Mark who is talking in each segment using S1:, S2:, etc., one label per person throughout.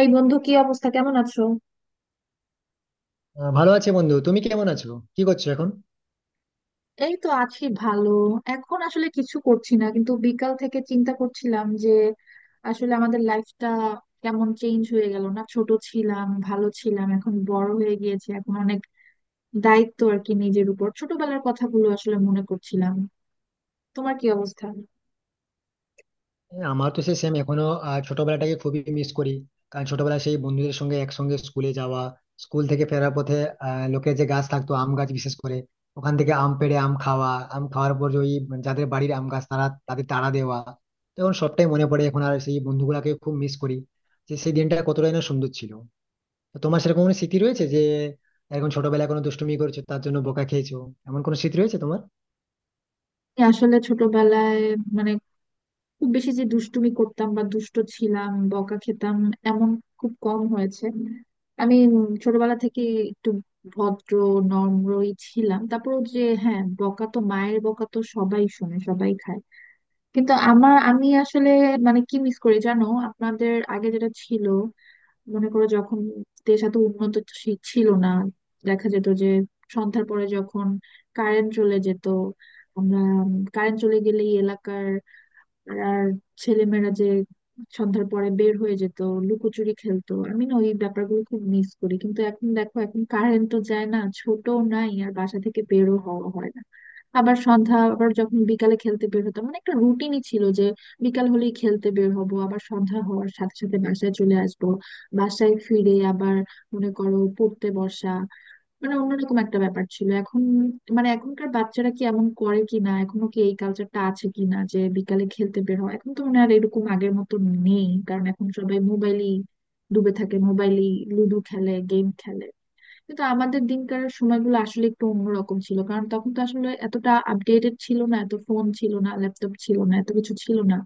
S1: এই বন্ধু, কি অবস্থা? কেমন আছো?
S2: ভালো আছি, বন্ধু। তুমি কেমন আছো? কি করছো এখন?
S1: এই তো আছি ভালো। এখন আসলে কিছু করছি না, কিন্তু বিকাল থেকে চিন্তা করছিলাম যে আসলে আমাদের লাইফটা কেমন চেঞ্জ হয়ে গেল, না? ছোট ছিলাম ভালো ছিলাম, এখন বড় হয়ে গিয়েছে, এখন অনেক দায়িত্ব আর কি নিজের উপর। ছোটবেলার কথাগুলো আসলে মনে করছিলাম। তোমার কি অবস্থা? আমি
S2: এই, আমার তো সেই সেম এখনো। ছোটবেলাটাকে খুবই মিস করি, কারণ ছোটবেলায় সেই বন্ধুদের সঙ্গে একসঙ্গে স্কুলে যাওয়া, স্কুল থেকে ফেরার পথে লোকের যে গাছ থাকতো, আম গাছ বিশেষ করে, ওখান থেকে আম পেড়ে আম খাওয়া, আম খাওয়ার পর যে ওই যাদের বাড়ির আম গাছ তারা তাদের তাড়া দেওয়া। তখন সবটাই মনে পড়ে। এখন আর সেই বন্ধুগুলাকে খুব মিস করি, যে সেই দিনটা কতটাই না সুন্দর ছিল। তো তোমার সেরকম কোনো স্মৃতি রয়েছে, যে এখন ছোটবেলায় কোনো দুষ্টুমি করেছো, তার জন্য বোকা খেয়েছো, এমন কোনো স্মৃতি রয়েছে তোমার?
S1: আসলে ছোটবেলায় মানে খুব বেশি যে দুষ্টুমি করতাম বা দুষ্ট ছিলাম বকা খেতাম এমন খুব কম হয়েছে। আমি ছোটবেলা থেকে একটু ভদ্র নম্রই ছিলাম। তারপর যে হ্যাঁ, বকা তো মায়ের বকা তো সবাই শোনে, সবাই খায়। কিন্তু আমি আসলে মানে কি মিস করি জানো, আপনাদের আগে যেটা ছিল, মনে করো যখন দেশ এত উন্নত ছিল না, দেখা যেত যে সন্ধ্যার পরে যখন কারেন্ট চলে যেত, আমরা কারেন্ট চলে গেলেই এলাকার আর ছেলেমেয়েরা যে সন্ধ্যার পরে বের হয়ে যেত, লুকোচুরি খেলতো। আমি না ওই ব্যাপারগুলো খুব মিস করি। কিন্তু এখন দেখো এখন কারেন্ট তো যায় না, ছোট নাই, আর বাসা থেকে বেরও হওয়া হয় না। আবার সন্ধ্যা, আবার যখন বিকালে খেলতে বের হতাম মানে একটা রুটিনই ছিল যে বিকাল হলেই খেলতে বের হব, আবার সন্ধ্যা হওয়ার সাথে সাথে বাসায় চলে আসব। বাসায় ফিরে আবার মনে করো পড়তে বসা, মানে অন্যরকম একটা ব্যাপার ছিল। এখন মানে এখনকার বাচ্চারা কি এমন করে কি না, এখনো কি এই কালচারটা আছে কি না যে বিকালে খেলতে বের হয়? এখন তো মনে হয় আর এরকম আগের মতো নেই, কারণ এখন সবাই মোবাইলই ডুবে থাকে, মোবাইলই লুডো খেলে, গেম খেলে। কিন্তু আমাদের দিনকার সময়গুলো আসলে একটু অন্যরকম ছিল, কারণ তখন তো আসলে এতটা আপডেটেড ছিল না, এত ফোন ছিল না, ল্যাপটপ ছিল না, এত কিছু ছিল না,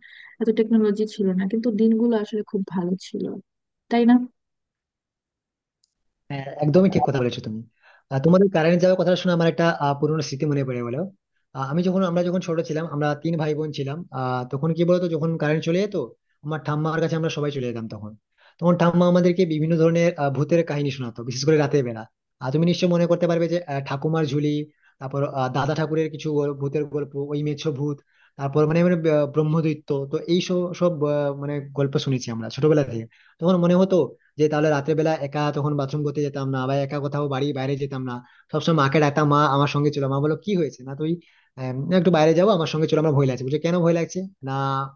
S1: এত টেকনোলজি ছিল না, কিন্তু দিনগুলো আসলে খুব ভালো ছিল, তাই না?
S2: হ্যাঁ, একদমই ঠিক কথা বলেছো তুমি। আর তোমাদের কারেন্ট যাওয়ার কথা শুনে আমার একটা পুরোনো স্মৃতি মনে পড়ে গেলো। আমি যখন আমরা যখন ছোট ছিলাম, আমরা তিন ভাই বোন ছিলাম, তখন কি বলতো, যখন কারেন্ট চলে যেত আমার ঠাম্মার কাছে আমরা সবাই চলে যেতাম তখন। তখন ঠাম্মা আমাদেরকে বিভিন্ন ধরনের ভূতের কাহিনী শোনাতো, বিশেষ করে রাতের বেলা। আর তুমি নিশ্চয়ই মনে করতে পারবে যে ঠাকুমার ঝুলি, তারপর দাদা ঠাকুরের কিছু ভূতের গল্প, ওই মেছো ভূত, তারপর মানে মানে ব্রহ্মদৈত্য, তো এই সব সব মানে গল্প শুনেছি আমরা ছোটবেলা থেকে। তখন মনে হতো যে তাহলে রাতের বেলা একা তখন বাথরুম করতে যেতাম না, বা একা কোথাও বাড়ি বাইরে যেতাম না। সবসময় মাকে ডাকতাম, মা আমার সঙ্গে চলো, মা বলো কি হয়েছে, না তুই, না, একটু বাইরে যাবো আমার সঙ্গে চলো, আমার ভয় লাগছে। বুঝলি কেন ভয় লাগছে? না,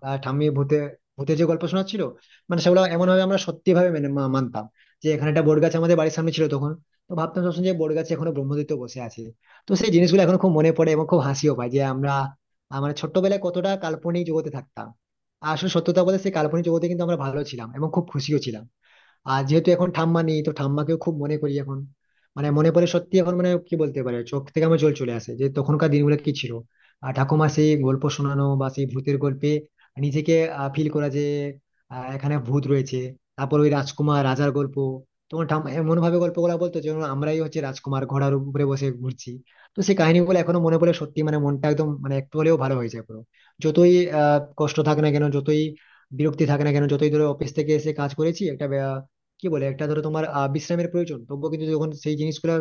S2: ঠাম্মি ভূতে, ভূতের যে গল্প শোনাচ্ছিল, মানে সেগুলো এমন ভাবে আমরা সত্যি ভাবে মেনে মানতাম, যে এখানে একটা বট গাছ আমাদের বাড়ির সামনে ছিল তখন, তো ভাবতাম সবসময় যে বট গাছে এখনো ব্রহ্মদৈত্য বসে আছে। তো সেই জিনিসগুলো এখন খুব মনে পড়ে এবং খুব হাসিও পায়, যে আমরা, ছোট্টবেলায় কতটা কাল্পনিক জগতে থাকতাম। আর আসলে সত্যতা বলতে সেই কাল্পনিক জগতে কিন্তু আমরা ভালো ছিলাম এবং খুব খুশিও ছিলাম। আর যেহেতু এখন ঠাম্মা নেই, তো ঠাম্মাকেও খুব মনে করি এখন। মানে মনে পড়ে সত্যি এখন, মানে কি বলতে পারে, চোখ থেকে আমার জল চলে আসে, যে তখনকার দিনগুলো কি ছিল। আর ঠাকুমা সেই গল্প শোনানো বা সেই ভূতের গল্পে নিজেকে ফিল করা, যে এখানে ভূত রয়েছে। তারপর ওই রাজকুমার রাজার গল্প, তোমার ঠাম্মা এমন ভাবে গল্পগুলো বলতো যেন আমরাই হচ্ছে রাজকুমার ঘোড়ার উপরে বসে ঘুরছি। তো সেই কাহিনীগুলো এখনো মনে পড়ে সত্যি, মানে মনটা একদম, মানে একটু হলেও ভালো হয়ে যায় পুরো। যতই কষ্ট থাক না কেন, যতই বিরক্তি থাকে না কেন, যতই ধরো অফিস থেকে এসে কাজ করেছি একটা, কি বলে, একটা ধরো তোমার বিশ্রামের প্রয়োজন, তবুও কিন্তু যখন সেই জিনিসগুলো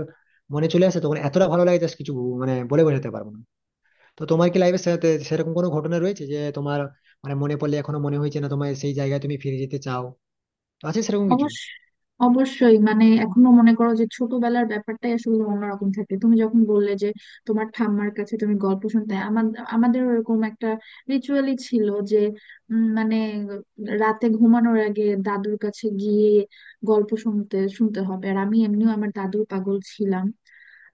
S2: মনে চলে আসে তখন এতটা ভালো লাগে জাস্ট, কিছু মানে বলে বোঝাতে পারবো না। তো তোমার কি লাইফে সাথে সেরকম কোনো ঘটনা রয়েছে যে তোমার, মানে মনে পড়লে এখনো মনে হয়েছে না তোমার সেই জায়গায় তুমি ফিরে যেতে চাও, তো আছে সেরকম কিছু?
S1: অবশ্য, অবশ্যই মানে এখনো মনে করো যে ছোটবেলার ব্যাপারটাই আসলে অন্যরকম থাকে। তুমি যখন বললে যে তোমার ঠাম্মার কাছে তুমি গল্প শুনতে, আমাদের আমাদের ওরকম একটা রিচুয়ালই ছিল যে মানে রাতে ঘুমানোর আগে দাদুর কাছে গিয়ে গল্প শুনতে শুনতে হবে। আর আমি এমনিও আমার দাদুর পাগল ছিলাম।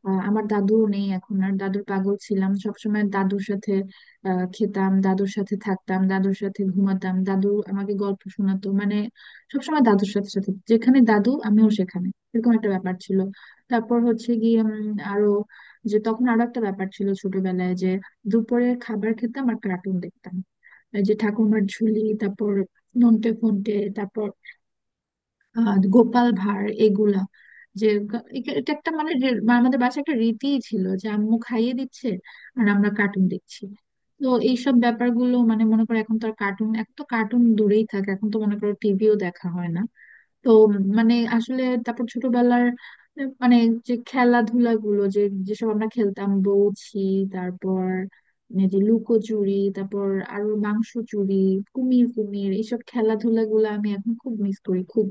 S1: আমার দাদুও নেই এখন আর। দাদুর পাগল ছিলাম, সবসময় দাদুর সাথে খেতাম, দাদুর সাথে থাকতাম, দাদুর সাথে ঘুমাতাম, দাদু আমাকে গল্প শোনাতো, মানে সবসময় দাদুর সাথে সাথে, যেখানে দাদু আমিও সেখানে, এরকম একটা ব্যাপার ছিল। তারপর হচ্ছে গিয়ে আরো যে তখন আরো একটা ব্যাপার ছিল ছোটবেলায় যে দুপুরে খাবার খেতাম আর কার্টুন দেখতাম। এই যে ঠাকুমার ঝুলি, তারপর নন্টে ফন্টে, তারপর আহ গোপাল ভাঁড়, এগুলা যে এটা একটা মানে যে আমাদের বাসায় একটা রীতি ছিল যে আম্মু খাইয়ে দিচ্ছে আর আমরা কার্টুন দেখছি। তো এইসব ব্যাপারগুলো মানে মনে করো এখন তো আর কার্টুন, এখন তো কার্টুন দূরেই থাকে, এখন তো মনে করো টিভিও দেখা হয় না। তো মানে আসলে তারপর ছোটবেলার মানে যে খেলাধুলা গুলো যে যেসব আমরা খেলতাম, বউছি, তারপর এই যে লুকোচুরি, তারপর আরো মাংস চুরি, কুমির কুমির, এইসব খেলাধুলা গুলো আমি এখন খুব মিস করি, খুব।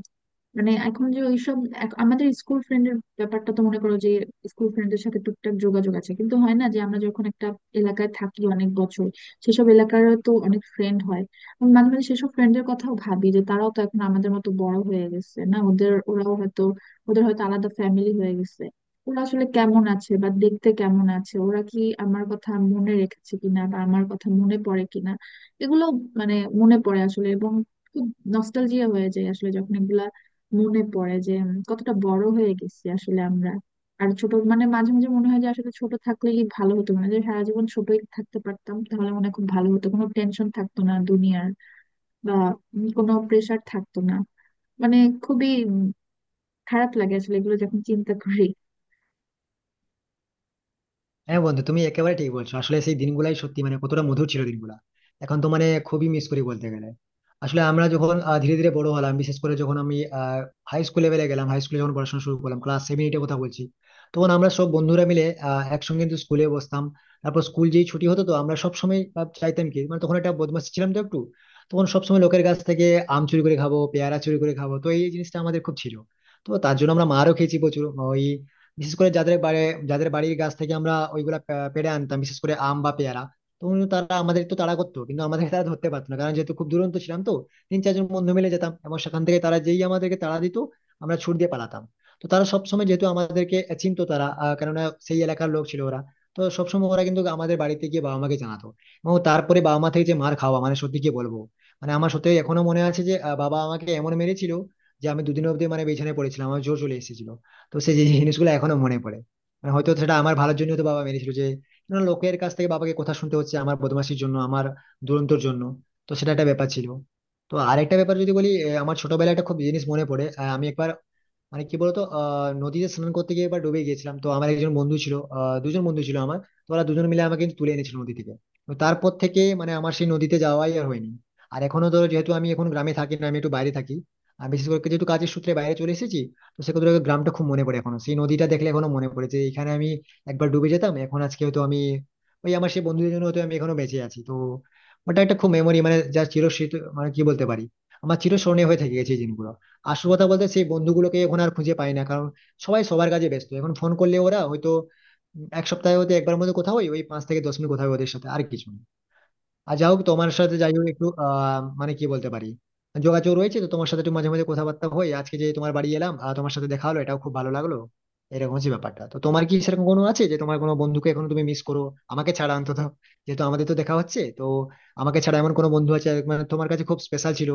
S1: মানে এখন যে ওইসব আমাদের স্কুল ফ্রেন্ডের ব্যাপারটা, তো মনে করো যে স্কুল ফ্রেন্ডের সাথে টুকটাক যোগাযোগ আছে, কিন্তু হয় না। যে আমরা যখন একটা এলাকায় থাকি অনেক বছর, সেসব এলাকারও তো অনেক ফ্রেন্ড হয়। আমি মাঝে মাঝে সেসব ফ্রেন্ডের কথাও ভাবি যে তারাও তো এখন আমাদের মতো বড় হয়ে গেছে, না? ওদের, ওরাও হয়তো, ওদের হয়তো আলাদা ফ্যামিলি হয়ে গেছে। ওরা আসলে কেমন আছে, বা দেখতে কেমন আছে, ওরা কি আমার কথা মনে রেখেছে কিনা, বা আমার কথা মনে পড়ে কিনা, এগুলো মানে মনে পড়ে আসলে, এবং খুব নস্টালজিয়া হয়ে যায় আসলে যখন এগুলা মনে পড়ে যে কতটা বড় হয়ে গেছি আসলে আমরা। আর ছোট, মানে মাঝে মাঝে মনে হয় যে আসলে ছোট থাকলেই ভালো হতো, মানে যে সারা জীবন ছোটই থাকতে পারতাম তাহলে মনে হয় খুব ভালো হতো, কোনো টেনশন থাকতো না দুনিয়ার, বা কোনো প্রেশার থাকতো না। মানে খুবই খারাপ লাগে আসলে এগুলো যখন চিন্তা করি।
S2: হ্যাঁ, বন্ধু, তুমি একেবারে ঠিক বলছো। আসলে সেই দিনগুলাই সত্যি মানে কতটা মধুর ছিল, দিনগুলা। এখন তো মানে খুবই মিস করি বলতে গেলে। আসলে আমরা যখন ধীরে ধীরে বড় হলাম, বিশেষ করে যখন আমি হাই স্কুল লেভেলে গেলাম, হাই স্কুলে যখন পড়াশোনা শুরু করলাম, ক্লাস সেভেন এইটের কথা বলছি, তখন আমরা সব বন্ধুরা মিলে একসঙ্গে কিন্তু স্কুলে বসতাম। তারপর স্কুল যেই ছুটি হতো তো আমরা সব সময় চাইতাম কি, মানে তখন একটা বদমাশ ছিলাম তো একটু, তখন সবসময় লোকের কাছ থেকে আম চুরি করে খাবো, পেয়ারা চুরি করে খাবো, তো এই জিনিসটা আমাদের খুব ছিল। তো তার জন্য আমরা মারও খেয়েছি প্রচুর। ওই বিশেষ করে যাদের বাড়ির গাছ থেকে আমরা ওইগুলা পেড়ে আনতাম, বিশেষ করে আম বা পেয়ারা। তো তারা আমাদের তো তাড়া করতো, কিন্তু আমাদের তারা ধরতে পারতো না, কারণ যেহেতু খুব দুরন্ত ছিলাম তো। তিন চারজন বন্ধু মিলে যেতাম, এবং সেখান থেকে তারা যেই আমাদেরকে তাড়া দিত, আমরা ছুট দিয়ে পালাতাম। তো তারা সবসময় যেহেতু আমাদেরকে চিনতো, তারা কেননা সেই এলাকার লোক ছিল ওরা, তো সবসময় ওরা কিন্তু আমাদের বাড়িতে গিয়ে বাবা মাকে জানাতো। এবং তারপরে বাবা মা থেকে যে মার খাওয়া, মানে সত্যি কি বলবো। মানে আমার সত্যি এখনো মনে আছে যে বাবা আমাকে এমন মেরেছিল যে আমি 2 দিন অবধি মানে বিছানায় পড়েছিলাম, আমার জ্বর চলে এসেছিল। তো সেই যে জিনিসগুলো এখনো মনে পড়ে, মানে হয়তো সেটা আমার ভালোর জন্য তো বাবা মেরেছিল, যে না, লোকের কাছ থেকে বাবাকে কথা শুনতে হচ্ছে আমার বদমাশির জন্য, আমার দুরন্তর জন্য, তো সেটা একটা ব্যাপার ছিল। তো আরেকটা ব্যাপার যদি বলি, আমার ছোটবেলায় একটা খুব জিনিস মনে পড়ে, আমি একবার মানে কি বলতো, নদীতে স্নান করতে গিয়ে একবার ডুবে গিয়েছিলাম। তো আমার একজন বন্ধু ছিল, দুজন বন্ধু ছিল আমার। তো ওরা দুজন মিলে আমাকে কিন্তু তুলে এনেছিল নদী থেকে। তো তারপর থেকে মানে আমার সেই নদীতে যাওয়াই আর হয়নি। আর এখনো ধরো, যেহেতু আমি এখন গ্রামে থাকি না, আমি একটু বাইরে থাকি, আর বিশেষ করে যেহেতু কাজের সূত্রে বাইরে চলে এসেছি, তো সেক্ষেত্রে ওই গ্রামটা খুব মনে পড়ে এখনো। সেই নদীটা দেখলে এখনো মনে পড়ে যে এখানে আমি একবার ডুবে যেতাম। এখন আজকে হয়তো আমি, ওই আমার সেই বন্ধুদের জন্য হয়তো আমি এখনো বেঁচে আছি, তো ওটা একটা খুব মেমোরি, মানে যা চিরস্মৃত, মানে কি বলতে পারি, আমার চিরস্মরণীয় হয়ে থেকে গেছে এই দিনগুলো। আসল কথা বলতে সেই বন্ধুগুলোকে এখন আর খুঁজে পাই না, কারণ সবাই সবার কাজে ব্যস্ত। এখন ফোন করলে ওরা হয়তো এক সপ্তাহে হয়তো একবার মধ্যে কোথাও ওই 5 থেকে 10 মিনিট কথা হয় ওদের সাথে, আর কিছু না। আর যা হোক, তোমার সাথে যাই হোক একটু মানে কি বলতে পারি, যোগাযোগ রয়েছে তো তোমার সাথে, একটু মাঝে মাঝে কথাবার্তা হয়। আজকে যে তোমার বাড়ি এলাম, তোমার সাথে দেখা হলো, এটাও খুব ভালো লাগলো। এরকম হচ্ছে ব্যাপারটা। তো তোমার কি সেরকম কোনো আছে, যে তোমার কোনো বন্ধুকে এখন তুমি মিস করো, আমাকে ছাড়া অন্তত, যেহেতু আমাদের তো দেখা হচ্ছে তো। আমাকে ছাড়া এমন কোনো বন্ধু আছে মানে তোমার কাছে খুব স্পেশাল ছিল,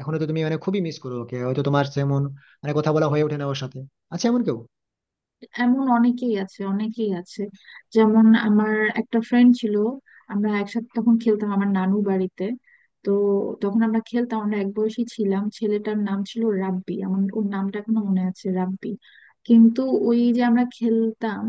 S2: এখনো তো তুমি মানে খুবই মিস করো ওকে, হয়তো তোমার যেমন মানে কথা বলা হয়ে ওঠে না ওর সাথে, আছে এমন কেউ?
S1: এমন অনেকেই আছে, অনেকেই আছে। যেমন আমার একটা ফ্রেন্ড ছিল, আমরা একসাথে তখন খেলতাম আমার নানু বাড়িতে। তো তখন আমরা খেলতাম, আমরা এক বয়সী ছিলাম, ছেলেটার নাম ছিল রাব্বি। আমার ওর নামটা এখনো মনে আছে, রাব্বি। কিন্তু ওই যে আমরা খেলতাম,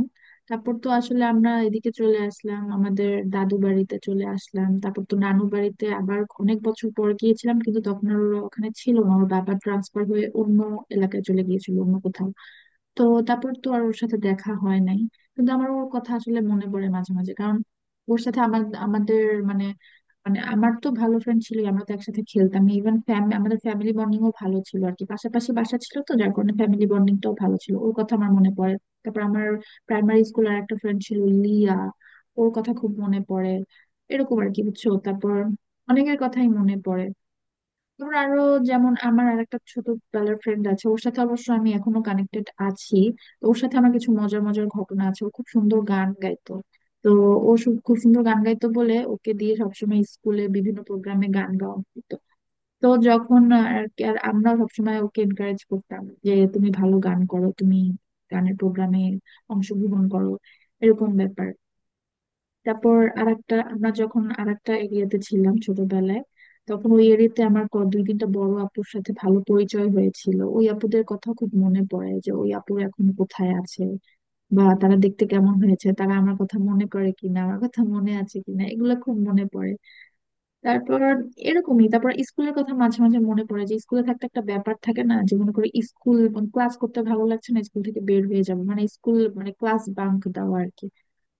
S1: তারপর তো আসলে আমরা এদিকে চলে আসলাম, আমাদের দাদু বাড়িতে চলে আসলাম। তারপর তো নানু বাড়িতে আবার অনেক বছর পর গিয়েছিলাম, কিন্তু তখন আর ওরা ওখানে ছিল না। ওর বাবা ট্রান্সফার হয়ে অন্য এলাকায় চলে গিয়েছিল, অন্য কোথাও। তো তারপর তো আর ওর সাথে দেখা হয় নাই। কিন্তু আমার ওর কথা আসলে মনে পড়ে মাঝে মাঝে, কারণ ওর সাথে আমার, আমাদের মানে, মানে আমার তো ভালো ফ্রেন্ড ছিল, আমরা তো একসাথে খেলতাম। ইভেন আমাদের ফ্যামিলি বন্ডিংও ভালো ছিল আর কি, পাশাপাশি বাসা ছিল তো যার কারণে ফ্যামিলি বন্ডিংটাও ভালো ছিল। ওর কথা আমার মনে পড়ে। তারপর আমার প্রাইমারি স্কুল আর একটা ফ্রেন্ড ছিল, লিয়া। ওর কথা খুব মনে পড়ে। এরকম আর কি, বুঝছো? তারপর অনেকের কথাই মনে পড়ে। ধর আরো, যেমন আমার আর একটা ছোটবেলার ফ্রেন্ড আছে, ওর সাথে অবশ্য আমি এখনো কানেক্টেড আছি। তো ওর সাথে আমার কিছু মজার মজার ঘটনা আছে, ও খুব সুন্দর গান গাইতো। তো ও খুব সুন্দর গান গাইতো বলে ওকে দিয়ে সবসময় স্কুলে বিভিন্ন প্রোগ্রামে গান গাওয়া হতো। তো যখন আর আমরা সবসময় ওকে এনকারেজ করতাম যে তুমি ভালো গান করো, তুমি গানের প্রোগ্রামে অংশগ্রহণ করো, এরকম ব্যাপার। তারপর আরেকটা, আমরা যখন আরেকটা এরিয়াতে ছিলাম ছোটবেলায়, তখন ওই এরিয়াতে আমার দুই তিনটা বড় আপুর সাথে ভালো পরিচয় হয়েছিল। ওই আপুদের কথা খুব মনে পড়ে, যে ওই আপুর এখন কোথায় আছে, বা তারা দেখতে কেমন হয়েছে, তারা আমার কথা মনে করে কিনা, আমার কথা মনে আছে কিনা, এগুলো খুব মনে পড়ে। তারপর এরকমই, তারপর স্কুলের কথা মাঝে মাঝে মনে পড়ে, যে স্কুলে থাকতে একটা ব্যাপার থাকে না যে মনে করি স্কুল ক্লাস করতে ভালো লাগছে না, স্কুল থেকে বের হয়ে যাবো, মানে স্কুল মানে ক্লাস বাঙ্ক দেওয়া আর কি।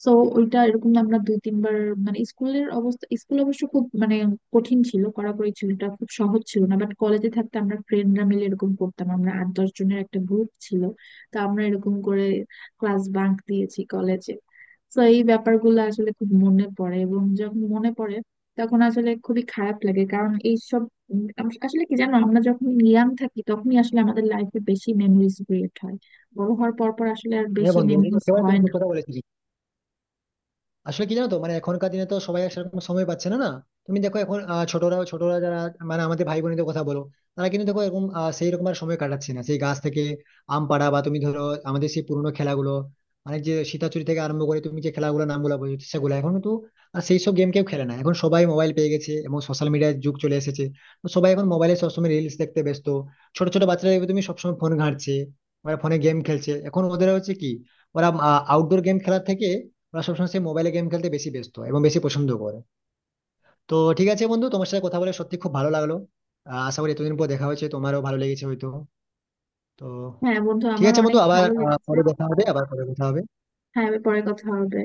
S1: তো ওইটা এরকম আমরা দুই তিনবার, মানে স্কুলের অবস্থা, স্কুল অবশ্য খুব মানে কঠিন ছিল, কড়াকড়ি ছিল, এটা খুব সহজ ছিল না, বাট কলেজে থাকতে আমরা ফ্রেন্ডরা মিলে এরকম করতাম, আমরা 8 10 জনের একটা গ্রুপ ছিল। তো আমরা এরকম করে ক্লাস বাঙ্ক দিয়েছি কলেজে। তো এই ব্যাপারগুলো আসলে খুব মনে পড়ে, এবং যখন মনে পড়ে তখন আসলে খুবই খারাপ লাগে, কারণ এইসব আসলে কি জানো, আমরা যখন ইয়াং থাকি তখনই আসলে আমাদের লাইফে বেশি মেমোরিজ ক্রিয়েট হয়। বড় হওয়ার পর পর আসলে আর
S2: হ্যাঁ,
S1: বেশি
S2: বন্ধু,
S1: মেমোরিজ
S2: একেবারে তুমি
S1: হয়
S2: ঠিক
S1: না।
S2: কথা বলেছিলে। আসলে কি জানো তো, মানে এখনকার দিনে তো সবাই আর সেরকম সময় পাচ্ছে না, না? তুমি দেখো এখন ছোটরা ছোটরা যারা মানে আমাদের ভাই বোনেদের কথা বলো, তারা কিন্তু দেখো এরকম সেই রকম আর সময় কাটাচ্ছে না। সেই গাছ থেকে আম পাড়া, বা তুমি ধরো আমাদের সেই পুরোনো খেলাগুলো, মানে যে সীতাচুরি থেকে আরম্ভ করে তুমি যে খেলাগুলো নামগুলো বলছো, সেগুলো এখন কিন্তু আর সেই সব গেম কেউ খেলে না। এখন সবাই মোবাইল পেয়ে গেছে এবং সোশ্যাল মিডিয়ার যুগ চলে এসেছে। তো সবাই এখন মোবাইলে সবসময় রিলস দেখতে ব্যস্ত। ছোট ছোট বাচ্চারা দেখবে তুমি সবসময় ফোন ঘাঁটছে, ওরা ফোনে গেম খেলছে। এখন ওদের হচ্ছে কি, ওরা আউটডোর গেম খেলার থেকে ওরা সবসময় সেই মোবাইলে গেম খেলতে বেশি ব্যস্ত এবং বেশি পছন্দ করে। তো ঠিক আছে, বন্ধু, তোমার সাথে কথা বলে সত্যি খুব ভালো লাগলো। আশা করি এতদিন পর দেখা হয়েছে, তোমারও ভালো লেগেছে হয়তো। তো
S1: হ্যাঁ বন্ধু,
S2: ঠিক আছে,
S1: আমারও অনেক
S2: বন্ধু, আবার
S1: ভালো লেগেছে।
S2: পরে দেখা হবে, আবার পরে কথা হবে।
S1: হ্যাঁ, এবার পরে কথা হবে।